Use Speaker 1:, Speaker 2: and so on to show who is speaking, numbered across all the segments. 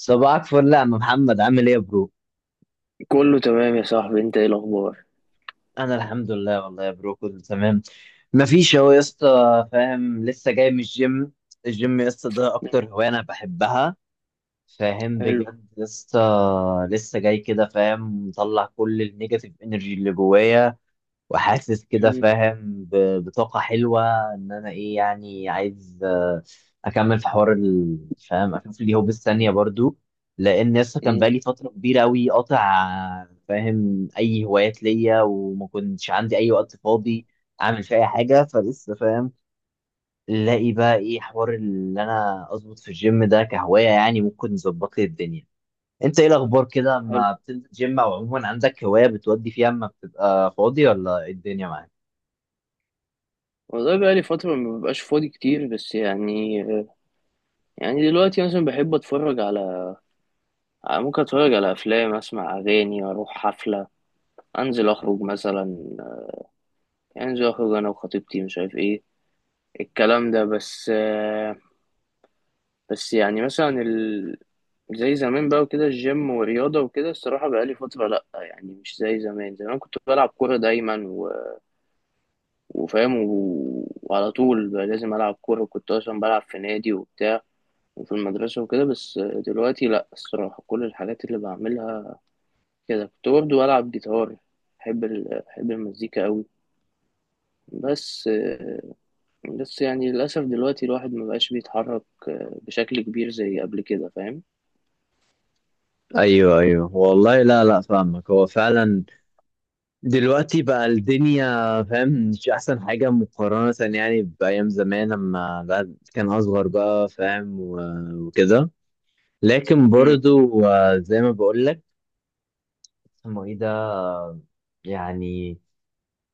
Speaker 1: صباحك فل يا عم محمد عامل ايه يا برو؟
Speaker 2: كله تمام يا صاحبي، انت ايه الاخبار؟
Speaker 1: انا الحمد لله والله يا برو كله تمام. مفيش اهو يا اسطى فاهم لسه جاي من الجيم. الجيم يا اسطى ده
Speaker 2: مم،
Speaker 1: اكتر هوايه انا بحبها. فاهم
Speaker 2: حلو.
Speaker 1: بجد يا اسطى. لسه جاي كده فاهم مطلع كل النيجاتيف انرجي اللي جوايا وحاسس كده
Speaker 2: مم،
Speaker 1: فاهم بطاقة حلوة. إن أنا إيه يعني عايز أكمل في حوار فاهم أشوف اليوم بالثانية برضو. لأن لسه كان
Speaker 2: مم،
Speaker 1: بقالي فترة كبيرة أوي قاطع فاهم أي هوايات ليا وما كنتش عندي أي وقت فاضي أعمل فيه أي حاجة فلسه فاهم الاقي بقى إيه حوار اللي أنا أظبط في الجيم ده كهواية يعني ممكن يظبط لي الدنيا. أنت إيه الأخبار كده،
Speaker 2: حلو.
Speaker 1: ما بتنزل جيم أو عموما عندك هواية بتودي فيها أما بتبقى فاضي، ولا إيه الدنيا معاك؟
Speaker 2: والله بقالي فترة ما ببقاش فاضي كتير، بس يعني يعني دلوقتي مثلا بحب اتفرج على ممكن اتفرج على افلام، اسمع اغاني، اروح حفلة، انزل اخرج مثلا، انزل اخرج انا وخطيبتي، مش عارف ايه الكلام ده. بس بس يعني مثلا ال... زي زمان بقى وكده، الجيم والرياضة وكده. الصراحة بقالي فترة، لأ يعني مش زي زمان. زمان كنت بلعب كورة دايما وفاهم، وعلى طول بقى لازم ألعب كورة. كنت أصلا بلعب في نادي وبتاع، وفي المدرسة وكده. بس دلوقتي لأ، الصراحة كل الحاجات اللي بعملها كده. كنت برضه بلعب جيتار، بحب ال... بحب المزيكا أوي. بس بس يعني للأسف دلوقتي الواحد مبقاش بيتحرك بشكل كبير زي قبل كده، فاهم؟
Speaker 1: ايوه ايوه والله، لا لا فاهمك، هو فعلا دلوقتي بقى الدنيا فاهم مش احسن حاجه مقارنه يعني بايام زمان لما الواحد كان اصغر بقى فاهم وكده. لكن
Speaker 2: مم.
Speaker 1: برضو، زي ما بقول لك اسمه ايه ده، يعني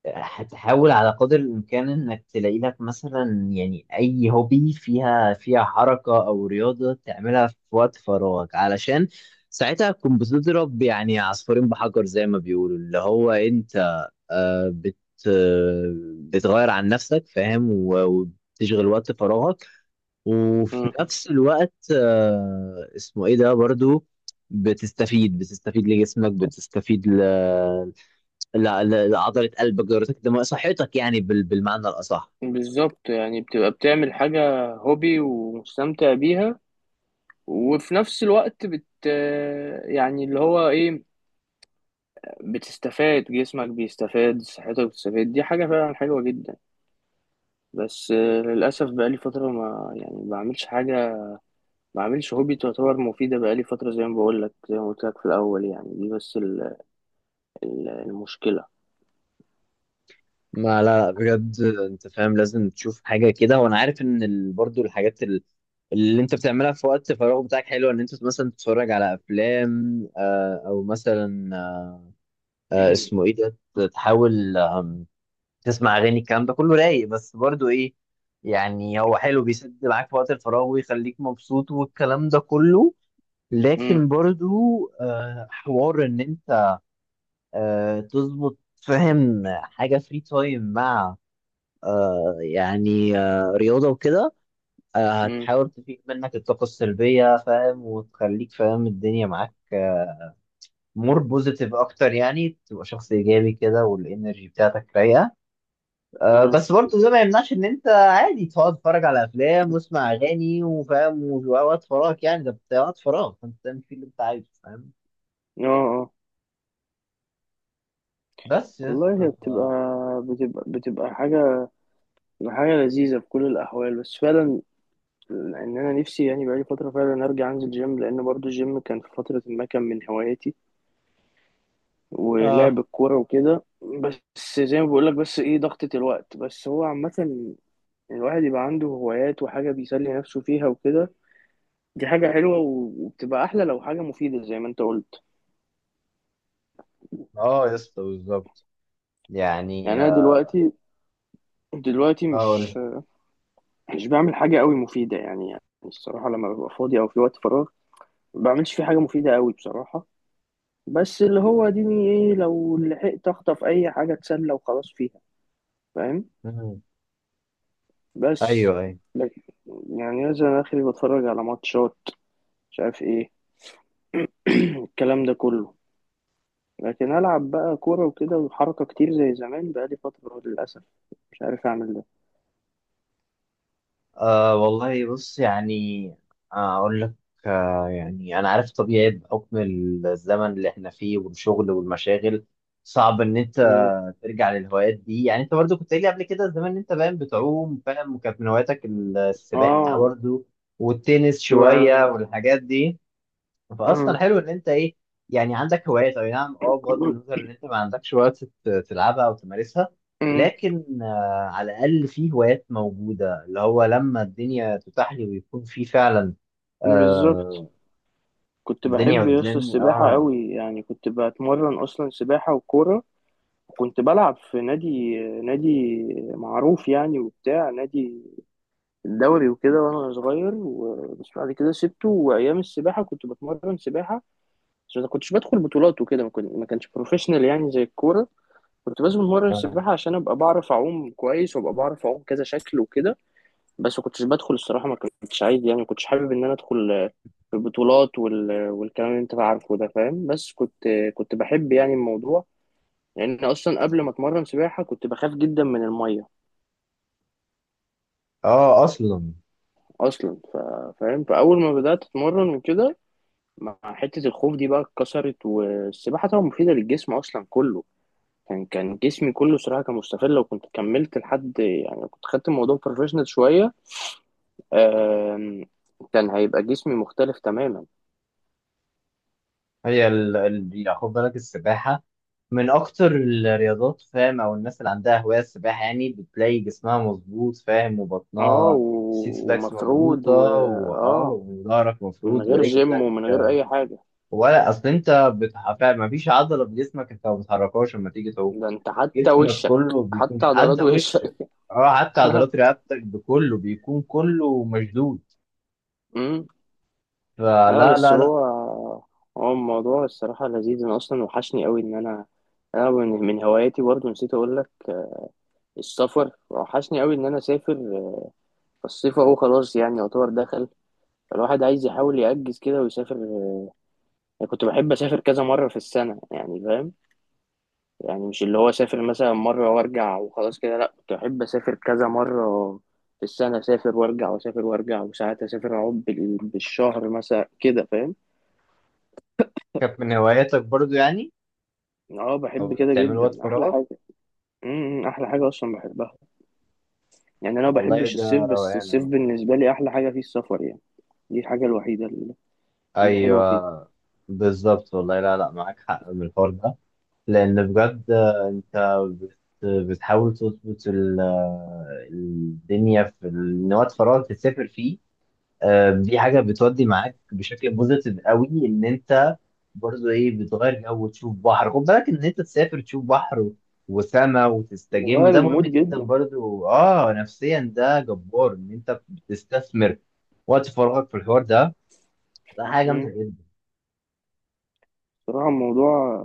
Speaker 1: هتحاول على قدر الإمكان إنك تلاقي لك مثلا يعني أي هوبي فيها فيها حركة أو رياضة تعملها في وقت فراغك علشان ساعتها تكون بتضرب يعني عصفورين بحجر زي ما بيقولوا، اللي هو أنت آه، بت آه، بتغير عن نفسك فاهم وبتشغل وقت فراغك. وفي
Speaker 2: مم.
Speaker 1: نفس الوقت اسمه إيه ده برضو بتستفيد لجسمك، بتستفيد لا لا، عضلة قلبك دورتك الدموية صحتك يعني بالمعنى الأصح.
Speaker 2: بالظبط، يعني بتبقى بتعمل حاجة هوبي ومستمتع بيها، وفي نفس الوقت بت يعني اللي هو ايه، بتستفاد، جسمك بيستفاد، صحتك بتستفاد، دي حاجة فعلا حلوة جدا. بس للأسف بقالي فترة، ما يعني ما بعملش حاجة، ما بعملش هوبي تعتبر مفيدة. بقالي فترة زي ما بقول لك، زي ما قلت لك في الأول، يعني دي بس المشكلة.
Speaker 1: ما لا لا، بجد أنت فاهم لازم تشوف حاجة كده، وأنا عارف إن برضو الحاجات اللي أنت بتعملها في وقت فراغ بتاعك حلوة. إن أنت مثلا تتفرج على أفلام أو مثلا اسمه إيه ده تحاول تسمع أغاني الكلام ده كله رايق، بس برضو إيه يعني هو حلو بيسد معاك في وقت الفراغ ويخليك مبسوط والكلام ده كله.
Speaker 2: مم،
Speaker 1: لكن برضو حوار ان انت تظبط فاهم حاجة فري تايم مع رياضة وكده.
Speaker 2: مم،
Speaker 1: هتحاول تفيق منك الطاقة السلبية فاهم وتخليك فاهم الدنيا معاك مور بوزيتيف أكتر، يعني تبقى شخص إيجابي كده والإنرجي بتاعتك رايقة.
Speaker 2: مم.
Speaker 1: بس برضه ده ما يمنعش إن أنت عادي تقعد تتفرج على أفلام واسمع أغاني وفاهم ووقت فراغك، يعني ده بتاع وقت فراغ فأنت تعمل فيه اللي أنت عايزه فاهم.
Speaker 2: اه. اه،
Speaker 1: بس يا
Speaker 2: والله هي
Speaker 1: اسطى
Speaker 2: بتبقى،
Speaker 1: ف-
Speaker 2: بتبقى حاجة، حاجة لذيذة في كل الأحوال. بس فعلا إن أنا نفسي يعني بقالي فترة فعلا أرجع أنزل جيم، لأن برضو الجيم كان في فترة ما كان من هواياتي، ولعب
Speaker 1: اه
Speaker 2: الكورة وكده. بس زي ما بقولك، بس ايه، ضغطة الوقت. بس هو عامة الواحد يبقى عنده هوايات وحاجة بيسلي نفسه فيها وكده، دي حاجة حلوة، وبتبقى أحلى لو حاجة مفيدة زي ما أنت قلت.
Speaker 1: اه، يا اسطى بالظبط.
Speaker 2: يعني
Speaker 1: يعني
Speaker 2: أنا دلوقتي، دلوقتي
Speaker 1: أقول.
Speaker 2: مش بعمل حاجة قوي مفيدة يعني. يعني الصراحة لما ببقى فاضي أو في وقت فراغ، ما بعملش فيه حاجة مفيدة قوي بصراحة. بس اللي هو ديني ايه، لو لحقت أخطف أي حاجة أتسلى وخلاص فيها، فاهم؟
Speaker 1: مم.
Speaker 2: بس
Speaker 1: أيوه أيوه.
Speaker 2: لكن- يعني مثلا آخري بتفرج على ماتشات، مش عارف ايه، الكلام ده كله. لكن العب بقى كوره وكده وحركه كتير زي زمان، بقى لي فتره للاسف مش عارف اعمل ده.
Speaker 1: أه والله بص يعني، أقول لك أه يعني أنا عارف طبيعي بحكم الزمن اللي إحنا فيه والشغل والمشاغل صعب إن أنت
Speaker 2: مم.
Speaker 1: ترجع للهوايات دي. يعني أنت برضو كنت قايل لي قبل كده زمان إن أنت باين بتعوم، فاهم، وكانت من هواياتك السباحة
Speaker 2: اه،
Speaker 1: برضو والتنس
Speaker 2: كنت
Speaker 1: شوية
Speaker 2: بقى-
Speaker 1: والحاجات دي. فاصلا
Speaker 2: آه.
Speaker 1: حلو ان انت ايه يعني عندك هوايات، اي نعم اه، بغض النظر ان انت ما عندكش وقت تلعبها او تمارسها.
Speaker 2: مم.
Speaker 1: لكن على الاقل في هوايات موجوده، اللي هو لما الدنيا تتاح لي ويكون في فعلا
Speaker 2: بالظبط،
Speaker 1: آه
Speaker 2: كنت
Speaker 1: الدنيا
Speaker 2: بحب يس
Speaker 1: قدامي.
Speaker 2: السباحه
Speaker 1: اه
Speaker 2: قوي يعني، كنت بتمرن اصلا سباحه وكوره. وكنت بلعب في نادي معروف يعني، وبتاع نادي الدوري وكده، وانا صغير بس بعد كده سبته. وايام السباحه كنت بتمرن سباحه عشان ما كنتش بدخل بطولات وكده، ما كانش بروفيشنال يعني زي الكوره. كنت بس بتمرن
Speaker 1: اه
Speaker 2: سباحه عشان ابقى بعرف اعوم كويس، وابقى بعرف اعوم كذا شكل وكده. بس ما كنتش بدخل الصراحه، ما كنتش عايز يعني، ما كنتش حابب ان انا ادخل في البطولات وال... والكلام اللي انت عارفه ده، فاهم؟ بس كنت، كنت بحب يعني الموضوع، لان يعني اصلا قبل ما اتمرن سباحه كنت بخاف جدا من الميه
Speaker 1: اصلا
Speaker 2: اصلا. ف... فاهم، فاول ما بدات اتمرن وكده، مع حته الخوف دي بقى اتكسرت. والسباحه طبعا مفيده للجسم اصلا كله. كان، كان جسمي كله صراحة كان مستفيد. لو كنت كملت لحد يعني، لو كنت خدت الموضوع بروفيشنال شوية، آم، كان هيبقى جسمي مختلف تماما.
Speaker 1: هي يعني خد بالك السباحة من أكتر الرياضات فاهم، أو الناس اللي عندها هواية السباحة يعني بتلاقي جسمها مظبوط فاهم،
Speaker 2: اه،
Speaker 1: وبطنها السيكس باكس
Speaker 2: ومفرود
Speaker 1: مظبوطة،
Speaker 2: و
Speaker 1: وآه
Speaker 2: اه،
Speaker 1: وظهرك
Speaker 2: من
Speaker 1: مفرود
Speaker 2: غير جيم
Speaker 1: ورجلك.
Speaker 2: ومن غير أي حاجة.
Speaker 1: ولا أصل أنت فاهم مفيش عضلة في جسمك أنت ما بتحركهاش لما تيجي تعوم.
Speaker 2: ده انت حتى
Speaker 1: جسمك
Speaker 2: وشك،
Speaker 1: كله بيكون
Speaker 2: حتى عضلات
Speaker 1: حتى
Speaker 2: وشك.
Speaker 1: وش. اه حتى عضلات رقبتك بكله بيكون كله مشدود.
Speaker 2: امم
Speaker 1: فلا
Speaker 2: اه. بس
Speaker 1: لا لا.
Speaker 2: هو، هو الموضوع الصراحة لذيذ. انا اصلا وحشني قوي ان انا، انا من هواياتي برضو نسيت اقول لك، السفر. وحشني قوي ان انا اسافر. الصيف اهو خلاص يعني يعتبر دخل، الواحد عايز يحاول يأجز كده ويسافر يعني. كنت بحب أسافر كذا مرة في السنة يعني، فاهم؟ يعني مش اللي هو أسافر مثلا مرة وأرجع وخلاص كده، لأ كنت بحب أسافر كذا مرة في السنة، أسافر وأرجع وأسافر وأرجع، وساعات أسافر أقعد بالشهر مثلا كده، فاهم؟
Speaker 1: كانت من هواياتك برضو يعني
Speaker 2: أه،
Speaker 1: أو
Speaker 2: بحب
Speaker 1: اللي
Speaker 2: كده
Speaker 1: بتعمله وقت
Speaker 2: جدا، أحلى
Speaker 1: فراغك.
Speaker 2: حاجة. أحلى حاجة أصلا بحبها. يعني أنا ما
Speaker 1: والله
Speaker 2: بحبش
Speaker 1: ده
Speaker 2: الصيف، بس
Speaker 1: روقان
Speaker 2: الصيف
Speaker 1: أوي.
Speaker 2: بالنسبة لي أحلى حاجة فيه السفر يعني. دي الحاجة الوحيدة اللي، اللي حلوة فيه.
Speaker 1: أيوه بالظبط والله، لا لا معاك حق من الحوار ده، لأن بجد أنت بت- بتحاول تظبط الدنيا في إن وقت فراغك تسافر فيه. دي حاجة بتودي معاك بشكل بوزيتيف قوي إن أنت برضو إيه، بتغير جو وتشوف بحر، خد بالك إن أنت تسافر تشوف بحر وسما وتستجم،
Speaker 2: بغير
Speaker 1: ده مهم
Speaker 2: المود
Speaker 1: جدا
Speaker 2: جدا.
Speaker 1: برضو نفسيا ده جبار إن أنت بتستثمر وقت فراغك في الحوار ده. لا، حاجة جامدة
Speaker 2: أمم،
Speaker 1: جدا.
Speaker 2: بصراحة الموضوع،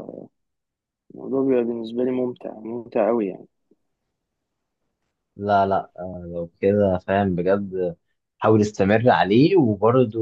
Speaker 2: الموضوع بيبقى بالنسبة لي ممتع، ممتع أوي يعني.
Speaker 1: لا لا، لو كده فاهم بجد حاول استمر عليه، وبرضه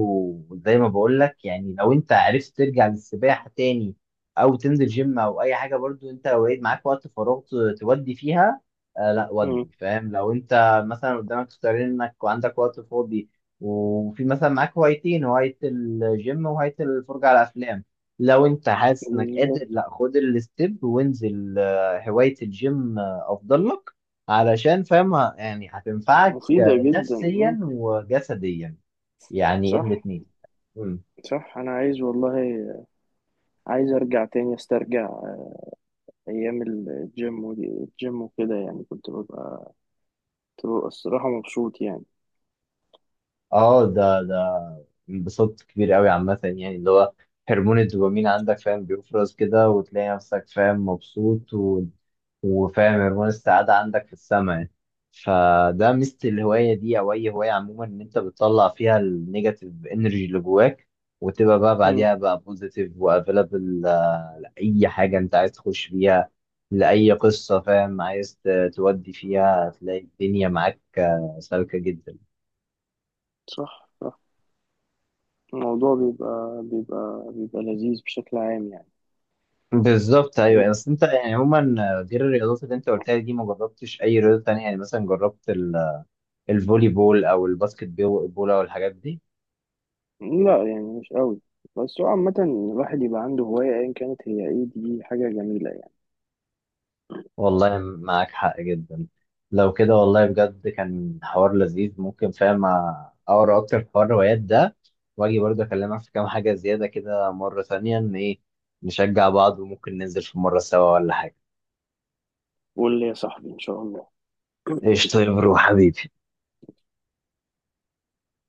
Speaker 1: زي ما بقول لك يعني لو انت عرفت ترجع للسباحة تاني او تنزل جيم او اي حاجة، برضه انت لو لقيت معاك وقت فراغ تودي فيها، لا
Speaker 2: مم.
Speaker 1: ودي فاهم. لو انت مثلا قدامك اختيارين انك وعندك وقت فاضي وفي مثلا معاك هوايتين، هواية الجيم وهواية الفرجة على افلام، لو انت حاسس انك
Speaker 2: بالظبط.
Speaker 1: قادر، لا خد الستيب وانزل، هواية الجيم افضل لك علشان فاهم يعني هتنفعك
Speaker 2: مفيدة جدا. مم.
Speaker 1: نفسيا وجسديا، يعني
Speaker 2: صح.
Speaker 1: الاتنين. مم.
Speaker 2: صح، أنا عايز والله، عايز أرجع تاني أسترجع أيام الجيم ودي، الجيم وكده يعني. كنت ببقى، كنت ببقى الصراحة مبسوط يعني.
Speaker 1: اه ده انبساط كبير قوي عامة، يعني اللي هو هرمون الدوبامين عندك فاهم بيفرز كده وتلاقي نفسك فاهم مبسوط و... وفاهم هرمون السعادة عندك في السماء يعني. فده ميزة الهواية دي أو أي هواية عموما، إن أنت بتطلع فيها النيجاتيف إنرجي اللي جواك وتبقى بقى
Speaker 2: مم.
Speaker 1: بعديها بقى بوزيتيف وأفيلابل لأي حاجة أنت عايز تخش فيها، لأي قصة فاهم عايز تودي فيها. هتلاقي الدنيا معاك سالكة جدا.
Speaker 2: صح. صح، الموضوع بيبقى، بيبقى لذيذ بشكل عام يعني.
Speaker 1: بالظبط ايوه،
Speaker 2: مم.
Speaker 1: يعني اصل انت يعني عموما غير الرياضات اللي انت قلتها دي ما جربتش اي رياضه تانية؟ يعني مثلا جربت الفولي بول او الباسكت بول او الحاجات دي.
Speaker 2: لا، يعني مش أوي. بس هو عامة الواحد يبقى عنده هواية أيا كانت هي إيه، دي حاجة جميلة يعني.
Speaker 1: والله معاك حق جدا، لو كده والله بجد كان حوار لذيذ. ممكن فاهم اقرا اكتر في حوار الروايات ده، واجي برضه اكلمك في كام حاجه زياده كده مره ثانيه، ان ايه نشجع بعض وممكن ننزل في مره سوا ولا حاجه.
Speaker 2: قول لي يا صاحبي، إن شاء الله.
Speaker 1: ايش؟ طيب روح حبيبي.